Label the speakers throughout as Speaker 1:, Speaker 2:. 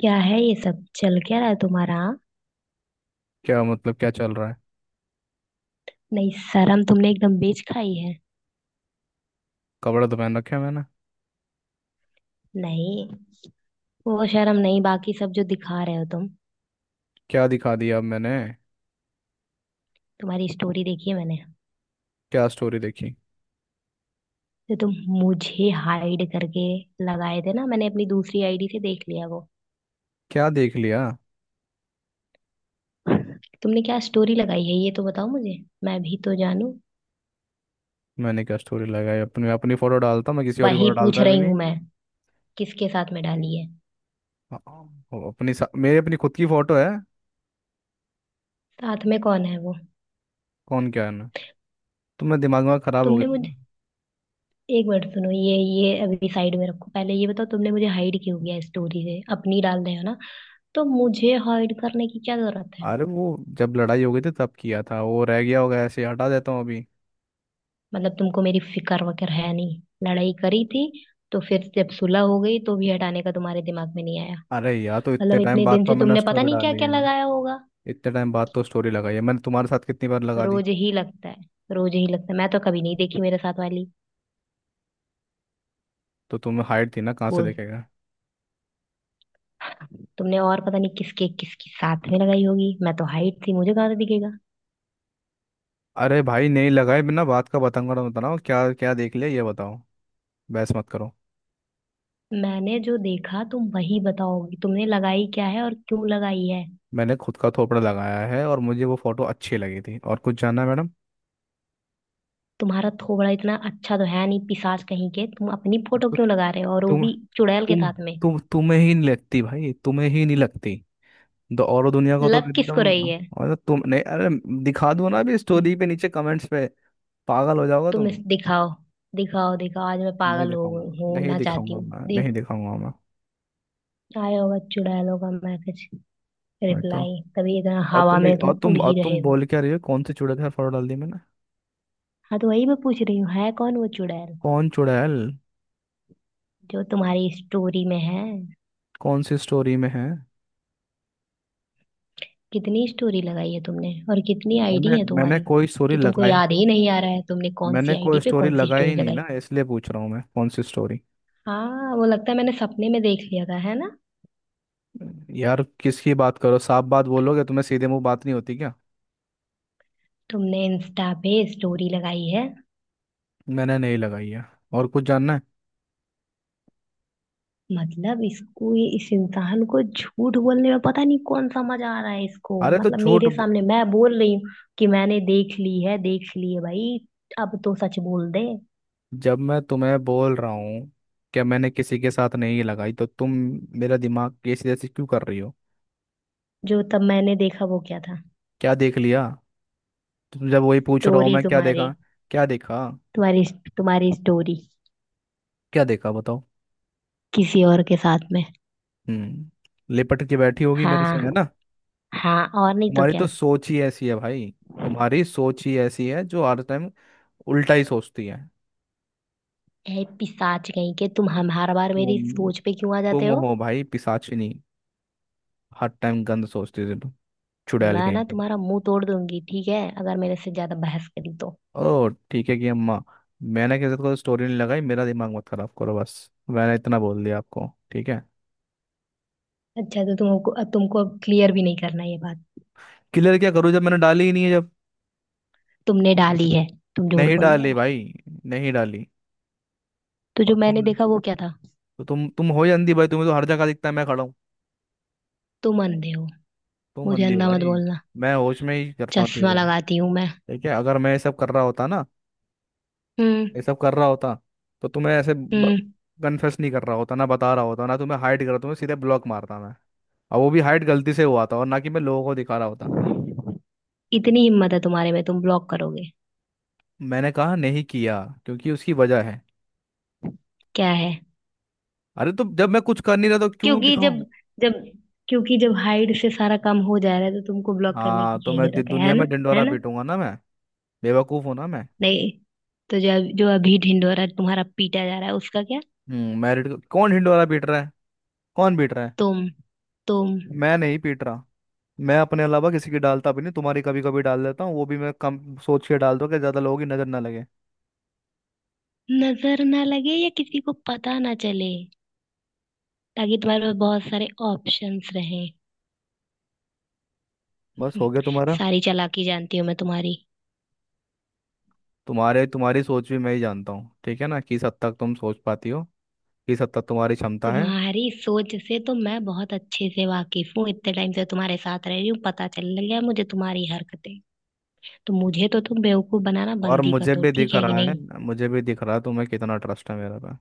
Speaker 1: क्या है ये सब चल क्या रहा है तुम्हारा हाँ?
Speaker 2: क्या मतलब क्या चल रहा है।
Speaker 1: नहीं। शर्म तुमने एकदम बेच खाई है।
Speaker 2: कपड़ा तो पहन रखे हैं मैंने।
Speaker 1: नहीं, वो शर्म नहीं, बाकी सब जो दिखा रहे हो तुम।
Speaker 2: क्या दिखा दिया अब मैंने।
Speaker 1: तुम्हारी स्टोरी देखी है मैंने।
Speaker 2: क्या स्टोरी देखी।
Speaker 1: तो तुम मुझे हाइड करके लगाए थे ना, मैंने अपनी दूसरी आईडी से देख लिया वो।
Speaker 2: क्या देख लिया।
Speaker 1: तुमने क्या स्टोरी लगाई है ये तो बताओ मुझे, मैं भी तो जानूं।
Speaker 2: मैंने क्या स्टोरी लगाई अपनी, मैं अपनी फोटो डालता, मैं किसी और की
Speaker 1: वही
Speaker 2: फोटो
Speaker 1: पूछ
Speaker 2: डालता भी
Speaker 1: रही
Speaker 2: नहीं।
Speaker 1: हूं मैं, किसके साथ में डाली है।
Speaker 2: हाँ, मेरी अपनी खुद की फोटो है।
Speaker 1: साथ में कौन है वो?
Speaker 2: कौन क्या है ना। तो मैं दिमाग में खराब हो
Speaker 1: तुमने
Speaker 2: गया
Speaker 1: मुझे
Speaker 2: था।
Speaker 1: एक मिनट सुनो, ये अभी साइड में रखो। पहले ये बताओ, तुमने मुझे हाइड क्यों किया? स्टोरी से अपनी डाल रहे हो ना, तो मुझे हाइड करने की क्या जरूरत है?
Speaker 2: अरे वो जब लड़ाई हो गई थी तब किया था, वो रह गया होगा ऐसे ही, हटा देता हूँ अभी।
Speaker 1: मतलब तुमको मेरी फिक्र वगैरह है नहीं, लड़ाई करी थी तो फिर जब सुलह हो गई तो भी हटाने का तुम्हारे दिमाग में नहीं आया।
Speaker 2: अरे यार, तो इतने
Speaker 1: मतलब
Speaker 2: टाइम
Speaker 1: इतने
Speaker 2: बाद
Speaker 1: दिन
Speaker 2: पर
Speaker 1: से
Speaker 2: मैंने
Speaker 1: तुमने पता
Speaker 2: स्टोरी
Speaker 1: नहीं क्या
Speaker 2: डाली
Speaker 1: क्या
Speaker 2: है।
Speaker 1: लगाया होगा।
Speaker 2: इतने टाइम बाद तो स्टोरी लगाई है मैंने, तुम्हारे साथ कितनी बार लगा दी।
Speaker 1: रोज ही लगता है। रोज ही लगता है। मैं तो कभी नहीं देखी मेरे साथ वाली।
Speaker 2: तो तुम्हें हाइट थी ना, कहाँ से
Speaker 1: बोल।
Speaker 2: देखेगा।
Speaker 1: तुमने और पता नहीं किसके किसकी साथ में लगाई होगी। मैं तो हाइट थी, मुझे कहाँ से दिखेगा।
Speaker 2: अरे भाई, नहीं लगाए, बिना बात का बतंगड़ मत बनाओ। क्या क्या देख लिया ये बताओ। बहस मत करो।
Speaker 1: मैंने जो देखा तुम वही बताओगी, तुमने लगाई क्या है और क्यों लगाई है?
Speaker 2: मैंने खुद का थोपड़ा लगाया है और मुझे वो फोटो अच्छी लगी थी। और कुछ जानना है मैडम।
Speaker 1: तुम्हारा थोबड़ा इतना अच्छा तो है नहीं, पिशाच कहीं के। तुम अपनी फोटो
Speaker 2: तो
Speaker 1: क्यों लगा रहे हो, और वो
Speaker 2: तुम
Speaker 1: भी चुड़ैल के
Speaker 2: तुम
Speaker 1: साथ में?
Speaker 2: तुम तुम्हें ही नहीं लगती भाई, तुम्हें ही नहीं लगती। तो और दुनिया को तो
Speaker 1: लग किसको रही
Speaker 2: एकदम।
Speaker 1: है?
Speaker 2: और तुम नहीं। अरे दिखा दो ना अभी
Speaker 1: हम्म।
Speaker 2: स्टोरी पे, नीचे कमेंट्स पे। पागल हो जाओगे
Speaker 1: तुम
Speaker 2: तुम।
Speaker 1: इस दिखाओ दिखाओ दिखाओ। आज मैं
Speaker 2: नहीं
Speaker 1: पागल हो
Speaker 2: दिखाऊंगा।
Speaker 1: गई हूँ
Speaker 2: नहीं
Speaker 1: ना, चाहती
Speaker 2: दिखाऊंगा
Speaker 1: हूँ
Speaker 2: मैं, नहीं
Speaker 1: देख।
Speaker 2: दिखाऊंगा मैं।
Speaker 1: आया होगा चुड़ैलों का मैसेज
Speaker 2: मैं तो।
Speaker 1: रिप्लाई, तभी इतना
Speaker 2: और
Speaker 1: हवा
Speaker 2: तुम
Speaker 1: में
Speaker 2: और
Speaker 1: तुम उड़
Speaker 2: तुम और
Speaker 1: ही रहे
Speaker 2: तुम
Speaker 1: हो।
Speaker 2: बोल क्या रही हो, कौन से चूड़े के साथ फोटो डाल दी मैंने।
Speaker 1: हाँ तो वही मैं पूछ रही हूँ, है कौन वो चुड़ैल
Speaker 2: कौन चूड़ैल।
Speaker 1: जो तुम्हारी स्टोरी में है?
Speaker 2: कौन सी स्टोरी में है।
Speaker 1: कितनी स्टोरी लगाई है तुमने, और कितनी आईडी
Speaker 2: मैंने
Speaker 1: है
Speaker 2: मैंने
Speaker 1: तुम्हारी?
Speaker 2: कोई स्टोरी
Speaker 1: कि तुमको
Speaker 2: लगाई।
Speaker 1: याद ही नहीं आ रहा है तुमने कौन सी
Speaker 2: मैंने कोई
Speaker 1: आईडी पे
Speaker 2: स्टोरी
Speaker 1: कौन सी
Speaker 2: लगाई
Speaker 1: स्टोरी
Speaker 2: ही नहीं
Speaker 1: लगाई।
Speaker 2: ना, इसलिए पूछ रहा हूँ मैं, कौन सी स्टोरी।
Speaker 1: हाँ, वो लगता है मैंने सपने में देख लिया था, है ना।
Speaker 2: यार किसकी बात करो, साफ बात बोलोगे, तुम्हें सीधे मुंह बात नहीं होती क्या।
Speaker 1: तुमने इंस्टा पे स्टोरी लगाई है।
Speaker 2: मैंने नहीं लगाई है। और कुछ जानना है।
Speaker 1: मतलब इसको इस इंसान को झूठ बोलने में पता नहीं कौन सा मजा आ रहा है इसको।
Speaker 2: अरे तो
Speaker 1: मतलब
Speaker 2: झूठ
Speaker 1: मेरे
Speaker 2: ब-
Speaker 1: सामने मैं बोल रही हूँ कि मैंने देख ली है, देख ली है भाई। अब तो सच बोल दे।
Speaker 2: जब मैं तुम्हें बोल रहा हूँ कि मैंने किसी के साथ नहीं लगाई, तो तुम मेरा दिमाग कैसी जैसी क्यों कर रही हो।
Speaker 1: जो तब मैंने देखा वो क्या था?
Speaker 2: क्या देख लिया। तुम, जब वही पूछ रहा हूँ
Speaker 1: स्टोरी
Speaker 2: मैं, क्या
Speaker 1: तुम्हारी।
Speaker 2: देखा। क्या देखा।
Speaker 1: तुम्हारी तुम्हारी स्टोरी,
Speaker 2: क्या देखा बताओ।
Speaker 1: किसी और के साथ में।
Speaker 2: हम्म, लिपट के बैठी होगी मेरे से है
Speaker 1: हाँ
Speaker 2: ना।
Speaker 1: हाँ। और नहीं तो
Speaker 2: तुम्हारी
Speaker 1: क्या।
Speaker 2: तो सोच ही ऐसी है भाई। तुम्हारी सोच ही ऐसी है जो हर टाइम उल्टा ही सोचती है।
Speaker 1: ए पिशाच कहीं के, तुम हम हर बार मेरी
Speaker 2: तुम
Speaker 1: सोच पे क्यों आ जाते
Speaker 2: तुम
Speaker 1: हो?
Speaker 2: हो भाई पिशाचिनी। हर टाइम गंद सोचती थी तुम, चुड़ैल
Speaker 1: मैं
Speaker 2: कहीं
Speaker 1: ना
Speaker 2: के।
Speaker 1: तुम्हारा मुंह तोड़ दूंगी, ठीक है, अगर मेरे से ज्यादा बहस करी तो।
Speaker 2: ओ ठीक है कि अम्मा, मैंने किसी को स्टोरी नहीं लगाई, मेरा दिमाग मत खराब करो बस। मैंने इतना बोल दिया आपको, ठीक है।
Speaker 1: अच्छा, तो तुमको अब क्लियर भी नहीं करना ये बात?
Speaker 2: क्लियर क्या करूँ जब मैंने डाली ही नहीं है जब।
Speaker 1: तुमने डाली है, तुम झूठ
Speaker 2: नहीं
Speaker 1: बोल रहे
Speaker 2: डाली
Speaker 1: हो।
Speaker 2: भाई, नहीं डाली।
Speaker 1: तो
Speaker 2: और
Speaker 1: जो
Speaker 2: तुम।
Speaker 1: मैंने देखा वो क्या था?
Speaker 2: तो तुम हो ही अंधी भाई, तुम्हें तो हर जगह दिखता है मैं खड़ा हूँ।
Speaker 1: तुम अंधे हो।
Speaker 2: तुम
Speaker 1: मुझे
Speaker 2: अंधी हो
Speaker 1: अंधा मत
Speaker 2: भाई।
Speaker 1: बोलना।
Speaker 2: मैं होश में ही करता हूँ
Speaker 1: चश्मा
Speaker 2: चीजें।
Speaker 1: लगाती हूँ मैं।
Speaker 2: ठीक है, अगर मैं ये सब कर रहा होता ना,
Speaker 1: हम्म।
Speaker 2: ये सब कर रहा होता, तो तुम्हें ऐसे
Speaker 1: हम्म।
Speaker 2: कन्फेस नहीं कर रहा होता ना, बता रहा होता ना, तुम्हें हाइड कर रहा, तुम्हें सीधे ब्लॉक मारता मैं। और वो भी हाइड गलती से हुआ था, और ना कि मैं लोगों को दिखा रहा होता।
Speaker 1: इतनी हिम्मत है तुम्हारे में, तुम ब्लॉक करोगे?
Speaker 2: मैंने कहा नहीं किया, क्योंकि उसकी वजह है।
Speaker 1: क्या है?
Speaker 2: अरे तो जब मैं कुछ कर नहीं रहा, तो क्यों
Speaker 1: क्योंकि
Speaker 2: दिखाऊं।
Speaker 1: जब जब क्योंकि जब हाइट से सारा काम हो जा रहा है तो तुमको ब्लॉक करने की
Speaker 2: हाँ
Speaker 1: क्या ही जरूरत है
Speaker 2: दुनिया
Speaker 1: ना,
Speaker 2: में ढिंढोरा
Speaker 1: है ना।
Speaker 2: पीटूंगा ना मैं, बेवकूफ हूं ना मैं।
Speaker 1: नहीं, तो जो जो अभी ढिंढोरा तुम्हारा पीटा जा रहा है उसका क्या?
Speaker 2: हम्म, मैरिड कौन ढिंढोरा पीट रहा है। कौन पीट रहा है।
Speaker 1: तुम तुम
Speaker 2: मैं नहीं पीट रहा। मैं अपने अलावा किसी की डालता भी नहीं, तुम्हारी कभी कभी डाल देता हूँ, वो भी मैं कम सोच के डाल दो कि ज्यादा लोगों की नजर ना लगे।
Speaker 1: नजर ना लगे या किसी को पता ना चले, ताकि तुम्हारे पास बहुत सारे ऑप्शंस रहे।
Speaker 2: बस हो गया तुम्हारा।
Speaker 1: सारी चालाकी जानती हूँ मैं तुम्हारी।
Speaker 2: तुम्हारे तुम्हारी सोच भी मैं ही जानता हूँ ठीक है ना, किस हद तक तुम सोच पाती हो, किस हद तक तुम्हारी क्षमता है।
Speaker 1: तुम्हारी सोच से तो मैं बहुत अच्छे से वाकिफ हूँ, इतने टाइम से तुम्हारे साथ रह रही हूँ, पता चलने लगा है मुझे तुम्हारी हरकतें। तो मुझे तो तुम बेवकूफ बनाना
Speaker 2: और
Speaker 1: बंद ही कर
Speaker 2: मुझे
Speaker 1: दो,
Speaker 2: भी
Speaker 1: ठीक
Speaker 2: दिख
Speaker 1: है कि
Speaker 2: रहा है।
Speaker 1: नहीं?
Speaker 2: मुझे भी दिख रहा है तुम्हें कितना ट्रस्ट है मेरे पे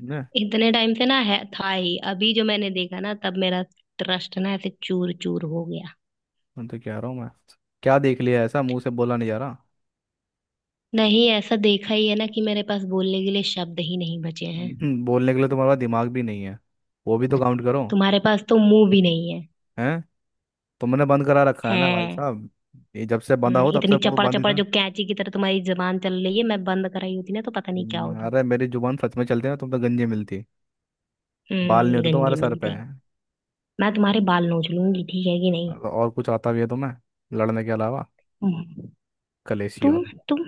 Speaker 2: ने।
Speaker 1: इतने टाइम से ना, है था ही, अभी जो मैंने देखा ना तब मेरा ट्रस्ट ना ऐसे चूर चूर हो गया।
Speaker 2: मैं तो कह रहा हूँ मैं, क्या देख लिया ऐसा, मुंह से बोला नहीं जा रहा।
Speaker 1: नहीं, ऐसा देखा ही है ना कि मेरे पास बोलने के लिए शब्द ही नहीं बचे हैं।
Speaker 2: बोलने के लिए तुम्हारे पास दिमाग भी नहीं है, वो भी तो काउंट करो।
Speaker 1: तुम्हारे पास तो मुंह भी नहीं है।
Speaker 2: हैं, तुमने बंद करा रखा है ना भाई
Speaker 1: हैं?
Speaker 2: साहब। ये जब से बंदा हो तब से
Speaker 1: इतनी
Speaker 2: मुंह
Speaker 1: चपड़
Speaker 2: बंद ही
Speaker 1: चपड़
Speaker 2: था।
Speaker 1: जो कैंची की तरह तुम्हारी जबान चल रही है, मैं बंद कराई होती ना तो पता नहीं क्या होता।
Speaker 2: अरे मेरी जुबान सच में चलती है ना, तुम तो गंजी मिलती, बाल नहीं होते तुम्हारे
Speaker 1: गंजी
Speaker 2: सर पे।
Speaker 1: मिलती। मैं तुम्हारे बाल नोच लूंगी, ठीक है कि नहीं?
Speaker 2: और कुछ आता भी है तुम्हें लड़ने के अलावा,
Speaker 1: हम्म,
Speaker 2: कलेशियो।
Speaker 1: तुम तुम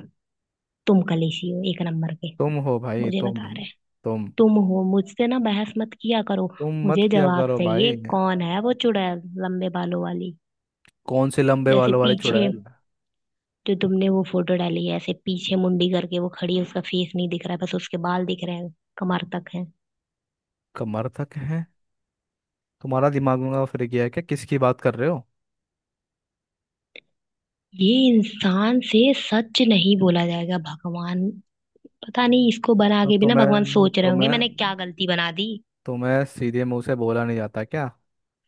Speaker 1: तुम कलेशी हो एक नंबर के।
Speaker 2: तुम हो भाई।
Speaker 1: मुझे
Speaker 2: तुम
Speaker 1: बता रहे हैं।
Speaker 2: तुम
Speaker 1: तुम हो। मुझसे ना बहस मत किया करो।
Speaker 2: तुम मत
Speaker 1: मुझे
Speaker 2: किया
Speaker 1: जवाब
Speaker 2: करो
Speaker 1: चाहिए,
Speaker 2: भाई।
Speaker 1: कौन है वो चुड़ैल लंबे बालों वाली?
Speaker 2: कौन से लंबे
Speaker 1: जैसे
Speaker 2: बालों वाले
Speaker 1: पीछे,
Speaker 2: चुड़ैल।
Speaker 1: जो तुमने वो फोटो डाली है ऐसे पीछे मुंडी करके वो खड़ी है, उसका फेस नहीं दिख रहा है, बस उसके बाल दिख रहे हैं, कमर तक है।
Speaker 2: कमर तक है। तुम्हारा दिमाग में फिर गया है क्या, किसकी बात कर रहे हो।
Speaker 1: ये इंसान से सच नहीं बोला जाएगा, भगवान। पता नहीं, इसको बना
Speaker 2: तो
Speaker 1: के भी ना भगवान
Speaker 2: तुम्हें
Speaker 1: सोच रहे होंगे मैंने
Speaker 2: तुम्हें
Speaker 1: क्या गलती बना दी।
Speaker 2: तुम्हें सीधे मुंह से बोला नहीं जाता क्या,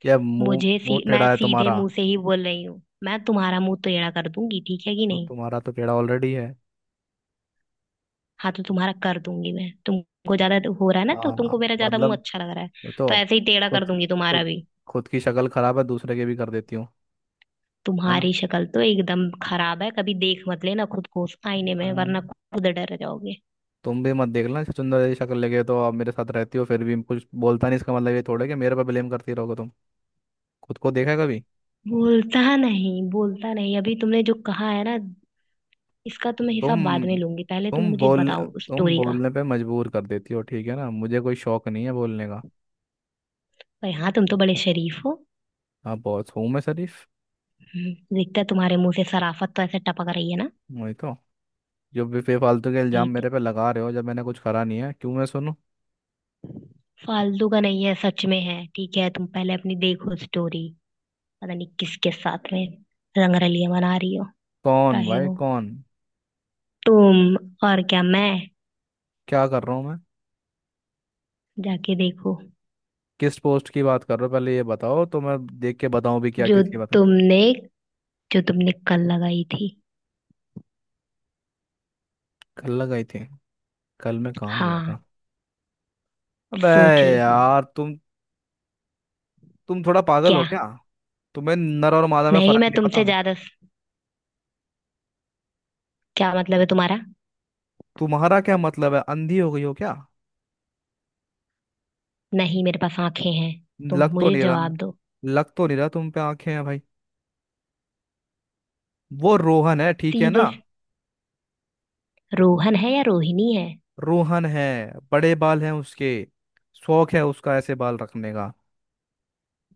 Speaker 2: या मुंह मुंह
Speaker 1: मैं
Speaker 2: टेढ़ा है
Speaker 1: सीधे
Speaker 2: तुम्हारा।
Speaker 1: मुंह से ही बोल रही हूँ। मैं तुम्हारा मुंह टेढ़ा कर दूंगी, ठीक है कि
Speaker 2: तो
Speaker 1: नहीं?
Speaker 2: तुम्हारा तो टेढ़ा ऑलरेडी है।
Speaker 1: हाँ तो तुम्हारा कर दूंगी मैं, तुमको ज्यादा हो रहा है ना, तो
Speaker 2: हाँ,
Speaker 1: तुमको मेरा ज्यादा
Speaker 2: मतलब।
Speaker 1: मुंह अच्छा लग रहा है।
Speaker 2: मैं
Speaker 1: तो
Speaker 2: तो।
Speaker 1: ऐसे ही टेढ़ा कर
Speaker 2: खुद
Speaker 1: दूंगी तुम्हारा
Speaker 2: खुद
Speaker 1: भी।
Speaker 2: खुद की शक्ल खराब है, दूसरे के भी कर देती हूँ। है
Speaker 1: तुम्हारी शक्ल तो एकदम खराब है, कभी देख मत लेना खुद को उस आईने
Speaker 2: ना,
Speaker 1: में वरना खुद डर जाओगे।
Speaker 2: तुम भी मत देखना, चुंदर जैसी शक्ल लेके तो आप मेरे साथ रहती हो, फिर भी कुछ बोलता नहीं, इसका मतलब ये थोड़ा है कि मेरे पर ब्लेम करती रहोगे तुम। खुद को देखा है कभी।
Speaker 1: बोलता नहीं, बोलता नहीं, अभी तुमने जो कहा है ना इसका तो मैं हिसाब बाद
Speaker 2: तुम
Speaker 1: में लूंगी, पहले तुम
Speaker 2: तुम
Speaker 1: मुझे
Speaker 2: बोल
Speaker 1: बताओ उस
Speaker 2: तुम
Speaker 1: स्टोरी का।
Speaker 2: बोलने पे मजबूर कर देती हो ठीक है ना, मुझे कोई शौक नहीं है बोलने का।
Speaker 1: पर हाँ, तुम तो बड़े शरीफ हो।
Speaker 2: आप बहुत हूँ मैं शरीफ।
Speaker 1: दिखता है, तुम्हारे मुंह से शराफत तो ऐसे टपक रही है ना।
Speaker 2: वही तो, जो भी बेफालतू के
Speaker 1: यही
Speaker 2: इल्जाम
Speaker 1: तो,
Speaker 2: मेरे पे लगा रहे हो, जब मैंने कुछ करा नहीं है, क्यों मैं सुनूं।
Speaker 1: फालतू का नहीं है, सच में है। ठीक है, तुम पहले अपनी देखो स्टोरी। पता नहीं किसके साथ में रंगरलियां मना रही हो
Speaker 2: कौन
Speaker 1: रहे
Speaker 2: भाई
Speaker 1: हो
Speaker 2: कौन।
Speaker 1: तुम। और क्या, मैं?
Speaker 2: क्या कर रहा हूँ मैं।
Speaker 1: जाके देखो।
Speaker 2: किस पोस्ट की बात कर रहे हो, पहले ये बताओ, तो मैं देख के बताऊं भी, क्या
Speaker 1: जो
Speaker 2: किसकी बात है।
Speaker 1: तुमने जो तुमने कल लगाई थी।
Speaker 2: कल लगाई थी। कल मैं कहाँ गया
Speaker 1: हाँ,
Speaker 2: था। अबे
Speaker 1: सोच लो।
Speaker 2: यार, तुम थोड़ा पागल हो
Speaker 1: क्या?
Speaker 2: क्या। तुम्हें नर और मादा में
Speaker 1: नहीं,
Speaker 2: फर्क
Speaker 1: मैं
Speaker 2: नहीं पता।
Speaker 1: तुमसे ज्यादा, क्या मतलब है तुम्हारा?
Speaker 2: तुम्हारा क्या मतलब है, अंधी हो गई हो क्या।
Speaker 1: नहीं, मेरे पास आंखें हैं। तुम
Speaker 2: लग तो
Speaker 1: मुझे
Speaker 2: नहीं रहा।
Speaker 1: जवाब दो।
Speaker 2: लग तो नहीं रहा तुम पे आंखें हैं भाई। वो रोहन है ठीक है
Speaker 1: सीधे
Speaker 2: ना।
Speaker 1: से- रोहन है या रोहिणी है?
Speaker 2: रोहन है, बड़े बाल हैं उसके, शौक है उसका ऐसे बाल रखने का।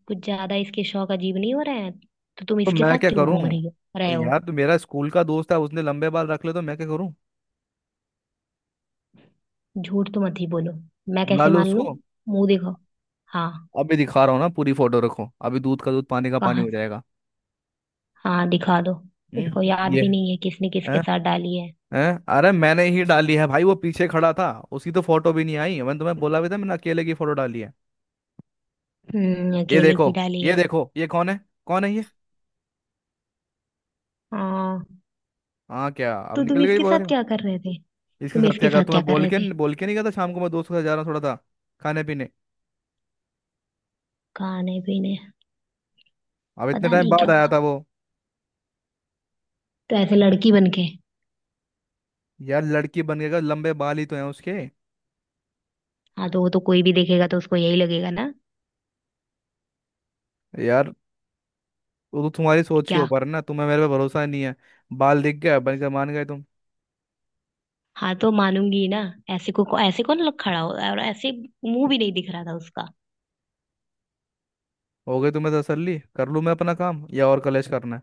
Speaker 1: कुछ ज्यादा इसके शौक अजीब नहीं हो रहे हैं? तो तुम
Speaker 2: तो
Speaker 1: इसके
Speaker 2: मैं
Speaker 1: साथ
Speaker 2: क्या
Speaker 1: क्यों
Speaker 2: करूं
Speaker 1: घूम रही हो रहे हो?
Speaker 2: यार, तो मेरा स्कूल का दोस्त है, उसने लंबे बाल रख ले तो मैं क्या करूं।
Speaker 1: झूठ तो मत ही बोलो। मैं
Speaker 2: बुला
Speaker 1: कैसे
Speaker 2: लो
Speaker 1: मान लूं?
Speaker 2: उसको।
Speaker 1: मुंह दिखाओ। हाँ।
Speaker 2: अभी दिखा रहा हूँ ना, पूरी फोटो रखो अभी, दूध का दूध पानी का पानी
Speaker 1: कहाँ
Speaker 2: हो
Speaker 1: से-
Speaker 2: जाएगा।
Speaker 1: हाँ, दिखा दो। इसको याद
Speaker 2: ये
Speaker 1: भी नहीं है किसने
Speaker 2: है।
Speaker 1: किसके साथ डाली है।
Speaker 2: हैं, अरे मैंने ही डाली है भाई, वो पीछे खड़ा था, उसकी तो फोटो भी नहीं आई। मैंने तुम्हें बोला भी था मैंने अकेले की फोटो डाली है। ये
Speaker 1: अकेले
Speaker 2: देखो,
Speaker 1: की डाली
Speaker 2: ये
Speaker 1: है।
Speaker 2: देखो ये कौन है। कौन है ये।
Speaker 1: हाँ।
Speaker 2: हाँ क्या, अब
Speaker 1: तो तुम
Speaker 2: निकल गई
Speaker 1: इसके
Speaker 2: बोल रही
Speaker 1: साथ
Speaker 2: हूँ।
Speaker 1: क्या कर रहे थे?
Speaker 2: इसके
Speaker 1: तुम
Speaker 2: साथ
Speaker 1: इसके
Speaker 2: क्या, कहा
Speaker 1: साथ क्या
Speaker 2: तुम्हें,
Speaker 1: कर रहे थे,
Speaker 2: बोल के नहीं गया था शाम को, मैं दोस्तों के साथ जा रहा हूँ थोड़ा सा। खाने पीने,
Speaker 1: खाने पीने?
Speaker 2: अब इतने
Speaker 1: पता
Speaker 2: टाइम
Speaker 1: नहीं
Speaker 2: बाद
Speaker 1: क्या
Speaker 2: आया
Speaker 1: खा,
Speaker 2: था वो।
Speaker 1: तो ऐसे लड़की बन के।
Speaker 2: यार लड़की बन गया, लंबे बाल ही तो हैं उसके।
Speaker 1: हाँ तो वो तो कोई भी देखेगा तो उसको यही लगेगा ना।
Speaker 2: यार वो तो तुम्हारी सोच के
Speaker 1: क्या?
Speaker 2: ऊपर है ना, तुम्हें मेरे पे भरोसा नहीं है। बाल दिख गया बन के मान गए तुम।
Speaker 1: हाँ तो मानूंगी ना। ऐसे कौन लोग खड़ा हो, और ऐसे मुंह भी नहीं दिख रहा था उसका।
Speaker 2: हो गई तुम्हें तसल्ली, कर लूँ मैं अपना काम, या और कलेश करना है।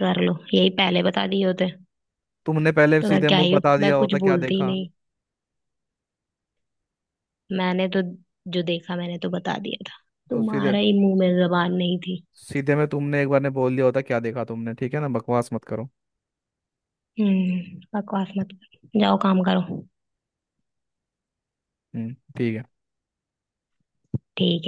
Speaker 1: कर लो। यही पहले बता दिए होते।
Speaker 2: तुमने पहले
Speaker 1: तो मैं
Speaker 2: सीधे
Speaker 1: क्या
Speaker 2: मुंह
Speaker 1: ही,
Speaker 2: बता
Speaker 1: मैं
Speaker 2: दिया
Speaker 1: कुछ
Speaker 2: होता क्या
Speaker 1: बोलती ही
Speaker 2: देखा।
Speaker 1: नहीं। मैंने तो, जो देखा मैंने तो बता दिया था।
Speaker 2: तो सीधे
Speaker 1: तुम्हारा ही मुंह में जबान नहीं थी।
Speaker 2: सीधे में तुमने एक बार ने बोल दिया होता क्या देखा तुमने, ठीक है ना, बकवास मत करो।
Speaker 1: बकवास मत करो। जाओ, काम करो।
Speaker 2: ठीक है।
Speaker 1: ठीक है।